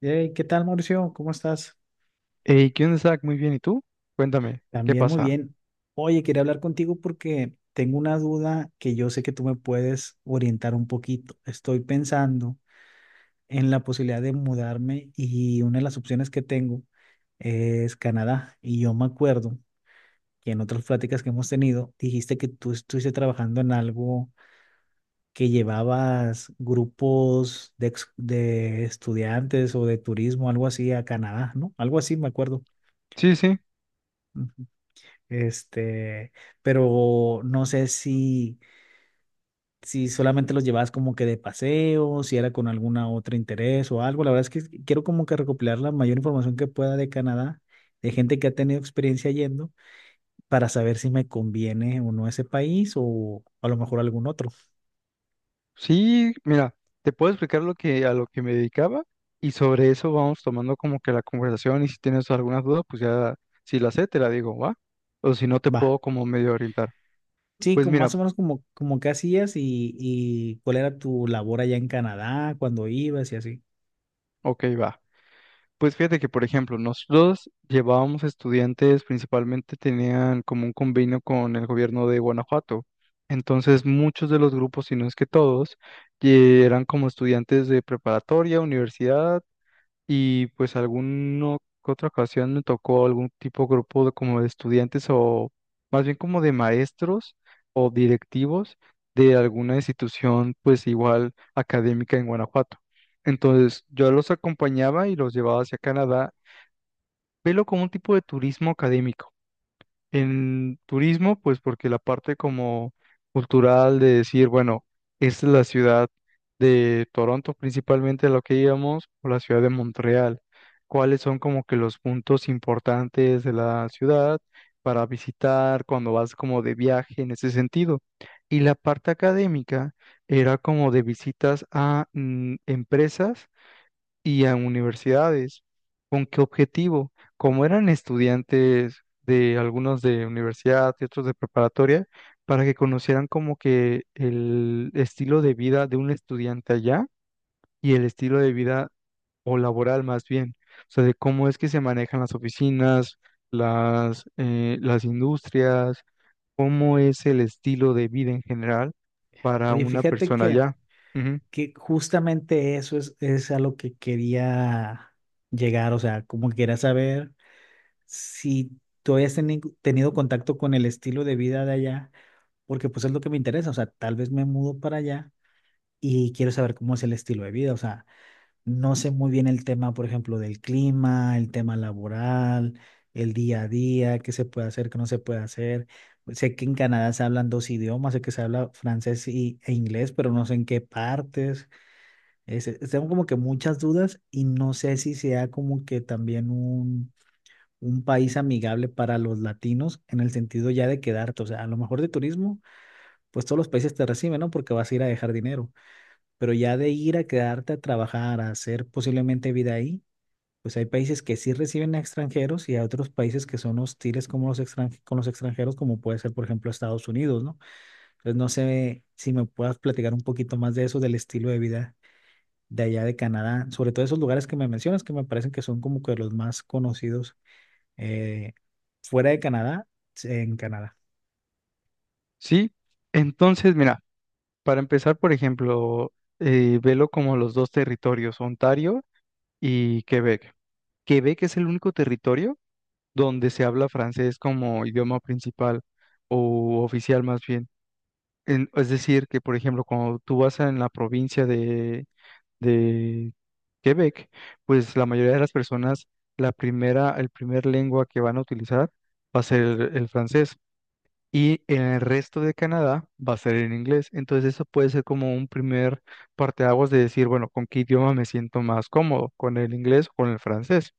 Hey, ¿qué tal, Mauricio? ¿Cómo estás? Hey, ¿qué onda, Zach? Muy bien, ¿y tú? Cuéntame, ¿qué También muy pasa? bien. Oye, quería hablar contigo porque tengo una duda que yo sé que tú me puedes orientar un poquito. Estoy pensando en la posibilidad de mudarme y una de las opciones que tengo es Canadá. Y yo me acuerdo que en otras pláticas que hemos tenido, dijiste que tú estuviste trabajando en algo que llevabas grupos de estudiantes o de turismo, algo así, a Canadá, ¿no? Algo así, me acuerdo. Sí, sí, Este, pero no sé si solamente los llevabas como que de paseo, si era con alguna otra interés o algo. La verdad es que quiero como que recopilar la mayor información que pueda de Canadá, de gente que ha tenido experiencia yendo, para saber si me conviene o no ese país o a lo mejor algún otro. sí, mira, te puedo explicar a lo que me dedicaba y sobre eso vamos tomando como que la conversación y si tienes alguna duda, pues ya, si la sé, te la digo, ¿va? O si no, te Va. puedo como medio orientar. Sí, Pues como mira, más o menos como qué hacías y cuál era tu labor allá en Canadá, cuando ibas y así. ok, va. Pues fíjate que, por ejemplo, nosotros llevábamos estudiantes, principalmente tenían como un convenio con el gobierno de Guanajuato. Entonces, muchos de los grupos, si no es que todos, eran como estudiantes de preparatoria, universidad y pues alguna que otra ocasión me tocó algún tipo de grupo de, como de estudiantes o más bien como de maestros o directivos de alguna institución pues igual académica en Guanajuato. Entonces yo los acompañaba y los llevaba hacia Canadá, pero como un tipo de turismo académico. En turismo, pues porque la parte como cultural de decir, bueno, esta es la ciudad de Toronto, principalmente a lo que íbamos, o la ciudad de Montreal, cuáles son como que los puntos importantes de la ciudad para visitar cuando vas como de viaje en ese sentido. Y la parte académica era como de visitas a empresas y a universidades. ¿Con qué objetivo? Como eran estudiantes de algunos de universidad y otros de preparatoria, para que conocieran como que el estilo de vida de un estudiante allá y el estilo de vida o laboral más bien, o sea, de cómo es que se manejan las oficinas, las industrias, cómo es el estilo de vida en general para Oye, una fíjate persona que allá. Ujú. que justamente eso es a lo que quería llegar, o sea, como que quería saber si tú habías tenido contacto con el estilo de vida de allá, porque pues es lo que me interesa, o sea, tal vez me mudo para allá y quiero saber cómo es el estilo de vida, o sea, no sé muy bien el tema, por ejemplo, del clima, el tema laboral, el día a día, qué se puede hacer, qué no se puede hacer. Sé que en Canadá se hablan dos idiomas, sé que se habla francés e inglés, pero no sé en qué partes. Tengo como que muchas dudas y no sé si sea como que también un país amigable para los latinos en el sentido ya de quedarte, o sea, a lo mejor de turismo, pues todos los países te reciben, ¿no? Porque vas a ir a dejar dinero, pero ya de ir a quedarte a trabajar, a hacer posiblemente vida ahí, pues hay países que sí reciben a extranjeros y hay otros países que son hostiles con los extranjeros, como puede ser, por ejemplo, Estados Unidos, ¿no? Entonces no sé si me puedas platicar un poquito más de eso, del estilo de vida de allá de Canadá, sobre todo esos lugares que me mencionas, que me parecen que son como que los más conocidos eh, fuera de Canadá, en Canadá. Sí, entonces, mira. Para empezar, por ejemplo, velo como los dos territorios, Ontario y Quebec. Quebec es el único territorio donde se habla francés como idioma principal o oficial más bien. Es decir, que por ejemplo, cuando tú vas en la provincia de Quebec, pues la mayoría de las personas, el primer lengua que van a utilizar va a ser el francés y en el resto de Canadá va a ser en inglés. Entonces eso puede ser como un primer parteaguas de decir, bueno, ¿con qué idioma me siento más cómodo? ¿Con el inglés o con el francés?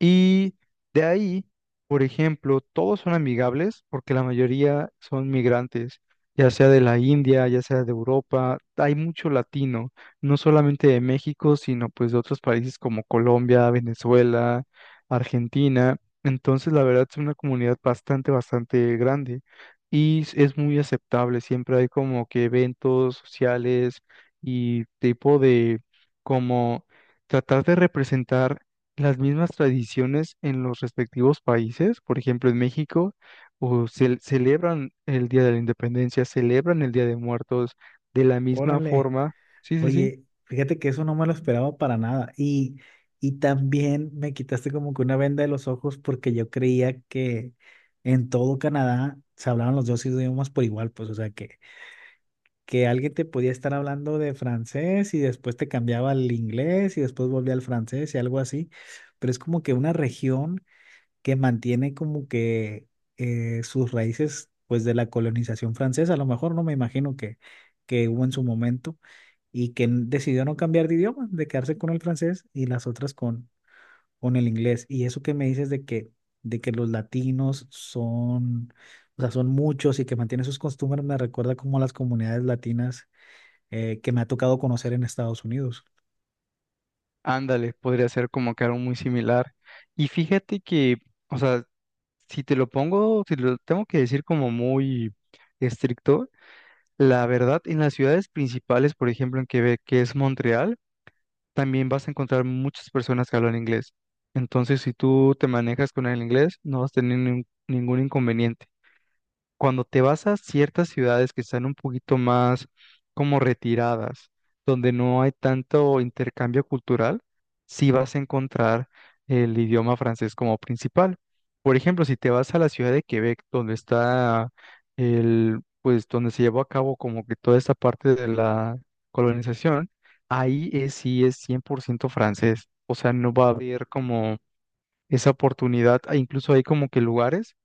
Y de ahí, por ejemplo, todos son amigables porque la mayoría son migrantes, ya sea de la India, ya sea de Europa, hay mucho latino, no solamente de México, sino pues de otros países como Colombia, Venezuela, Argentina. Entonces, la verdad es una comunidad bastante, bastante grande y es muy aceptable. Siempre hay como que eventos sociales y tipo de como tratar de representar las mismas tradiciones en los respectivos países. Por ejemplo, en México, o celebran el Día de la Independencia, celebran el Día de Muertos de la misma Órale, forma. Sí, sí, sí. oye, fíjate que eso no me lo esperaba para nada. Y también me quitaste como que una venda de los ojos porque yo creía que en todo Canadá se hablaban los dos idiomas por igual, pues, o sea, que alguien te podía estar hablando de francés y después te cambiaba al inglés y después volvía al francés y algo así, pero es como que una región que mantiene como que sus raíces pues de la colonización francesa, a lo mejor no me imagino que hubo en su momento y que decidió no cambiar de idioma, de quedarse con el francés y las otras con el inglés. Y eso que me dices de que los latinos son, o sea, son muchos y que mantienen sus costumbres, me recuerda como a las comunidades latinas que me ha tocado conocer en Estados Unidos. Ándale, podría ser como que algo muy similar. Y fíjate que, o sea, si te lo pongo, si lo tengo que decir como muy estricto, la verdad, en las ciudades principales, por ejemplo, en Quebec, que es Montreal, también vas a encontrar muchas personas que hablan inglés. Entonces, si tú te manejas con el inglés, no vas a tener ningún inconveniente. Cuando te vas a ciertas ciudades que están un poquito más como retiradas, donde no hay tanto intercambio cultural, sí vas a encontrar el idioma francés como principal. Por ejemplo, si te vas a la ciudad de Quebec, donde está pues donde se llevó a cabo como que toda esta parte de la colonización, ahí sí es 100% francés. O sea, no va a haber como esa oportunidad. E incluso hay como que lugares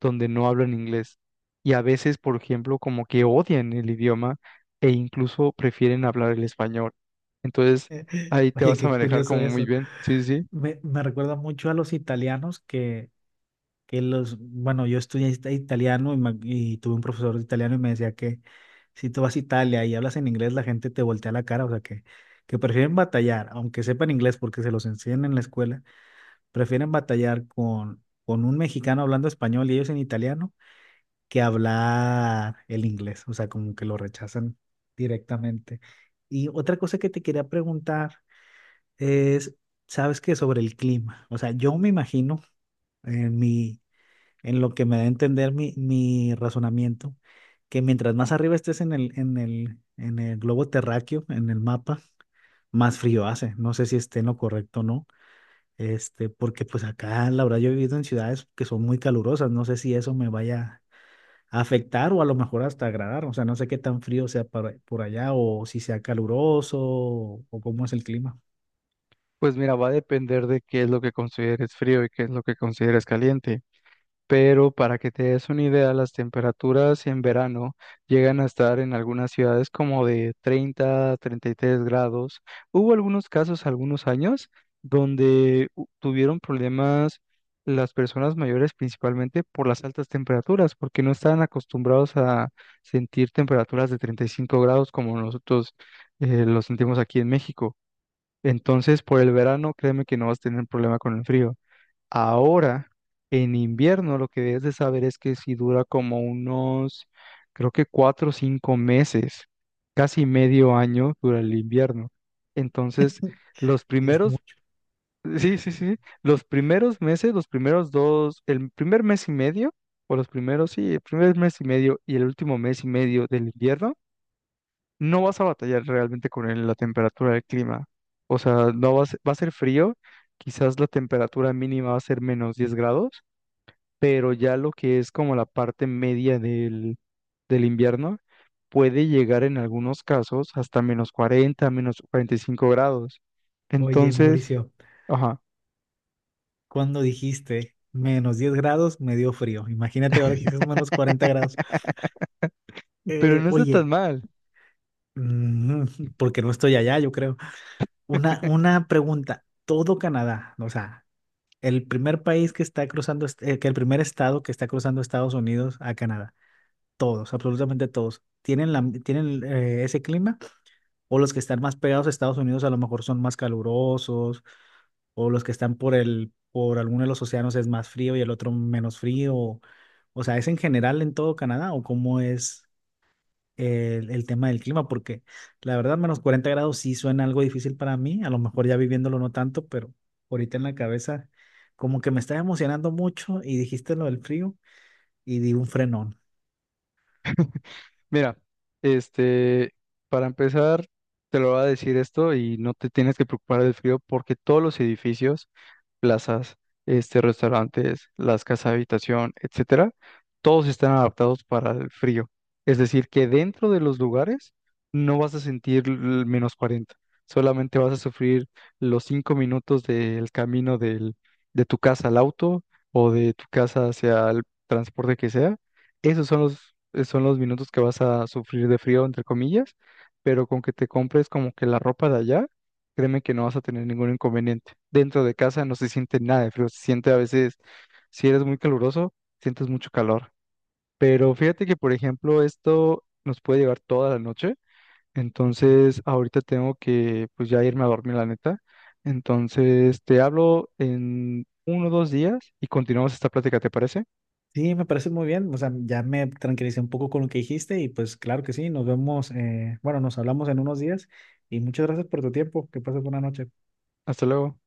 donde no hablan inglés. Y a veces, por ejemplo, como que odian el idioma e incluso prefieren hablar el español. Entonces, ahí te Oye, vas a qué manejar curioso como muy eso. bien. Sí, sí, sí. Me recuerda mucho a los italianos que los, bueno, yo estudié italiano y tuve un profesor de italiano y me decía que si tú vas a Italia y hablas en inglés, la gente te voltea la cara, o sea que prefieren batallar, aunque sepan inglés porque se los enseñan en la escuela, prefieren batallar con un mexicano hablando español y ellos en italiano que hablar el inglés, o sea, como que lo rechazan directamente. Y otra cosa que te quería preguntar es, ¿sabes qué sobre el clima? O sea, yo me imagino en mi en lo que me da a entender mi razonamiento, que mientras más arriba estés en el globo terráqueo, en el mapa, más frío hace. No sé si esté en lo correcto o no, porque pues acá, la verdad, yo he vivido en ciudades que son muy calurosas, no sé si eso me vaya a afectar o a lo mejor hasta agradar, o sea, no sé qué tan frío sea por allá o si sea caluroso o cómo es el clima. Pues mira, va a depender de qué es lo que consideres frío y qué es lo que consideres caliente. Pero para que te des una idea, las temperaturas en verano llegan a estar en algunas ciudades como de 30, 33 grados. Hubo algunos casos, algunos años, donde tuvieron problemas las personas mayores principalmente por las altas temperaturas, porque no estaban acostumbrados a sentir temperaturas de 35 grados como nosotros lo sentimos aquí en México. Entonces, por el verano, créeme que no vas a tener problema con el frío. Ahora, en invierno, lo que debes de saber es que si dura como unos, creo que 4 o 5 meses, casi medio año dura el invierno. Entonces, los Y es primeros, mucho. sí, sí, sí, los primeros meses, los primeros dos, el primer mes y medio, o los primeros, sí, el primer mes y medio y el último mes y medio del invierno, no vas a batallar realmente con la temperatura del clima. O sea, no vas, va a ser frío, quizás la temperatura mínima va a ser -10 grados, pero ya lo que es como la parte media del invierno puede llegar en algunos casos hasta -40, -45 grados. Oye, Entonces, Mauricio, ajá, cuando dijiste -10 grados, me dio frío. Imagínate ahora que dices -40 grados. pero no está Oye, tan mal. mm, porque no estoy allá, yo creo. Una pregunta. Todo Canadá, o sea, el primer país que está cruzando, que el primer estado que está cruzando Estados Unidos a Canadá, todos, absolutamente todos, ¿tienen ese clima? ¿O los que están más pegados a Estados Unidos a lo mejor son más calurosos? ¿O los que están por por alguno de los océanos es más frío y el otro menos frío? O sea, ¿es en general en todo Canadá o cómo es el tema del clima? Porque la verdad, -40 grados sí suena algo difícil para mí, a lo mejor ya viviéndolo no tanto, pero ahorita en la cabeza como que me estaba emocionando mucho y dijiste lo del frío y di un frenón. Mira, este, para empezar, te lo voy a decir esto y no te tienes que preocupar del frío porque todos los edificios, plazas, este, restaurantes, las casas de habitación, etcétera, todos están adaptados para el frío. Es decir, que dentro de los lugares no vas a sentir el -40, solamente vas a sufrir los 5 minutos del camino de tu casa al auto o de tu casa hacia el transporte que sea. Esos son los minutos que vas a sufrir de frío, entre comillas, pero con que te compres como que la ropa de allá. Créeme que no vas a tener ningún inconveniente. Dentro de casa no se siente nada de frío, se siente a veces, si eres muy caluroso, sientes mucho calor. Pero fíjate que, por ejemplo, esto nos puede llevar toda la noche. Entonces, ahorita tengo que, pues ya irme a dormir, la neta. Entonces, te hablo en 1 o 2 días y continuamos esta plática, ¿te parece? Sí, me parece muy bien, o sea, ya me tranquilicé un poco con lo que dijiste y pues claro que sí, nos vemos, bueno, nos hablamos en unos días y muchas gracias por tu tiempo, que pases buena noche. Hasta luego.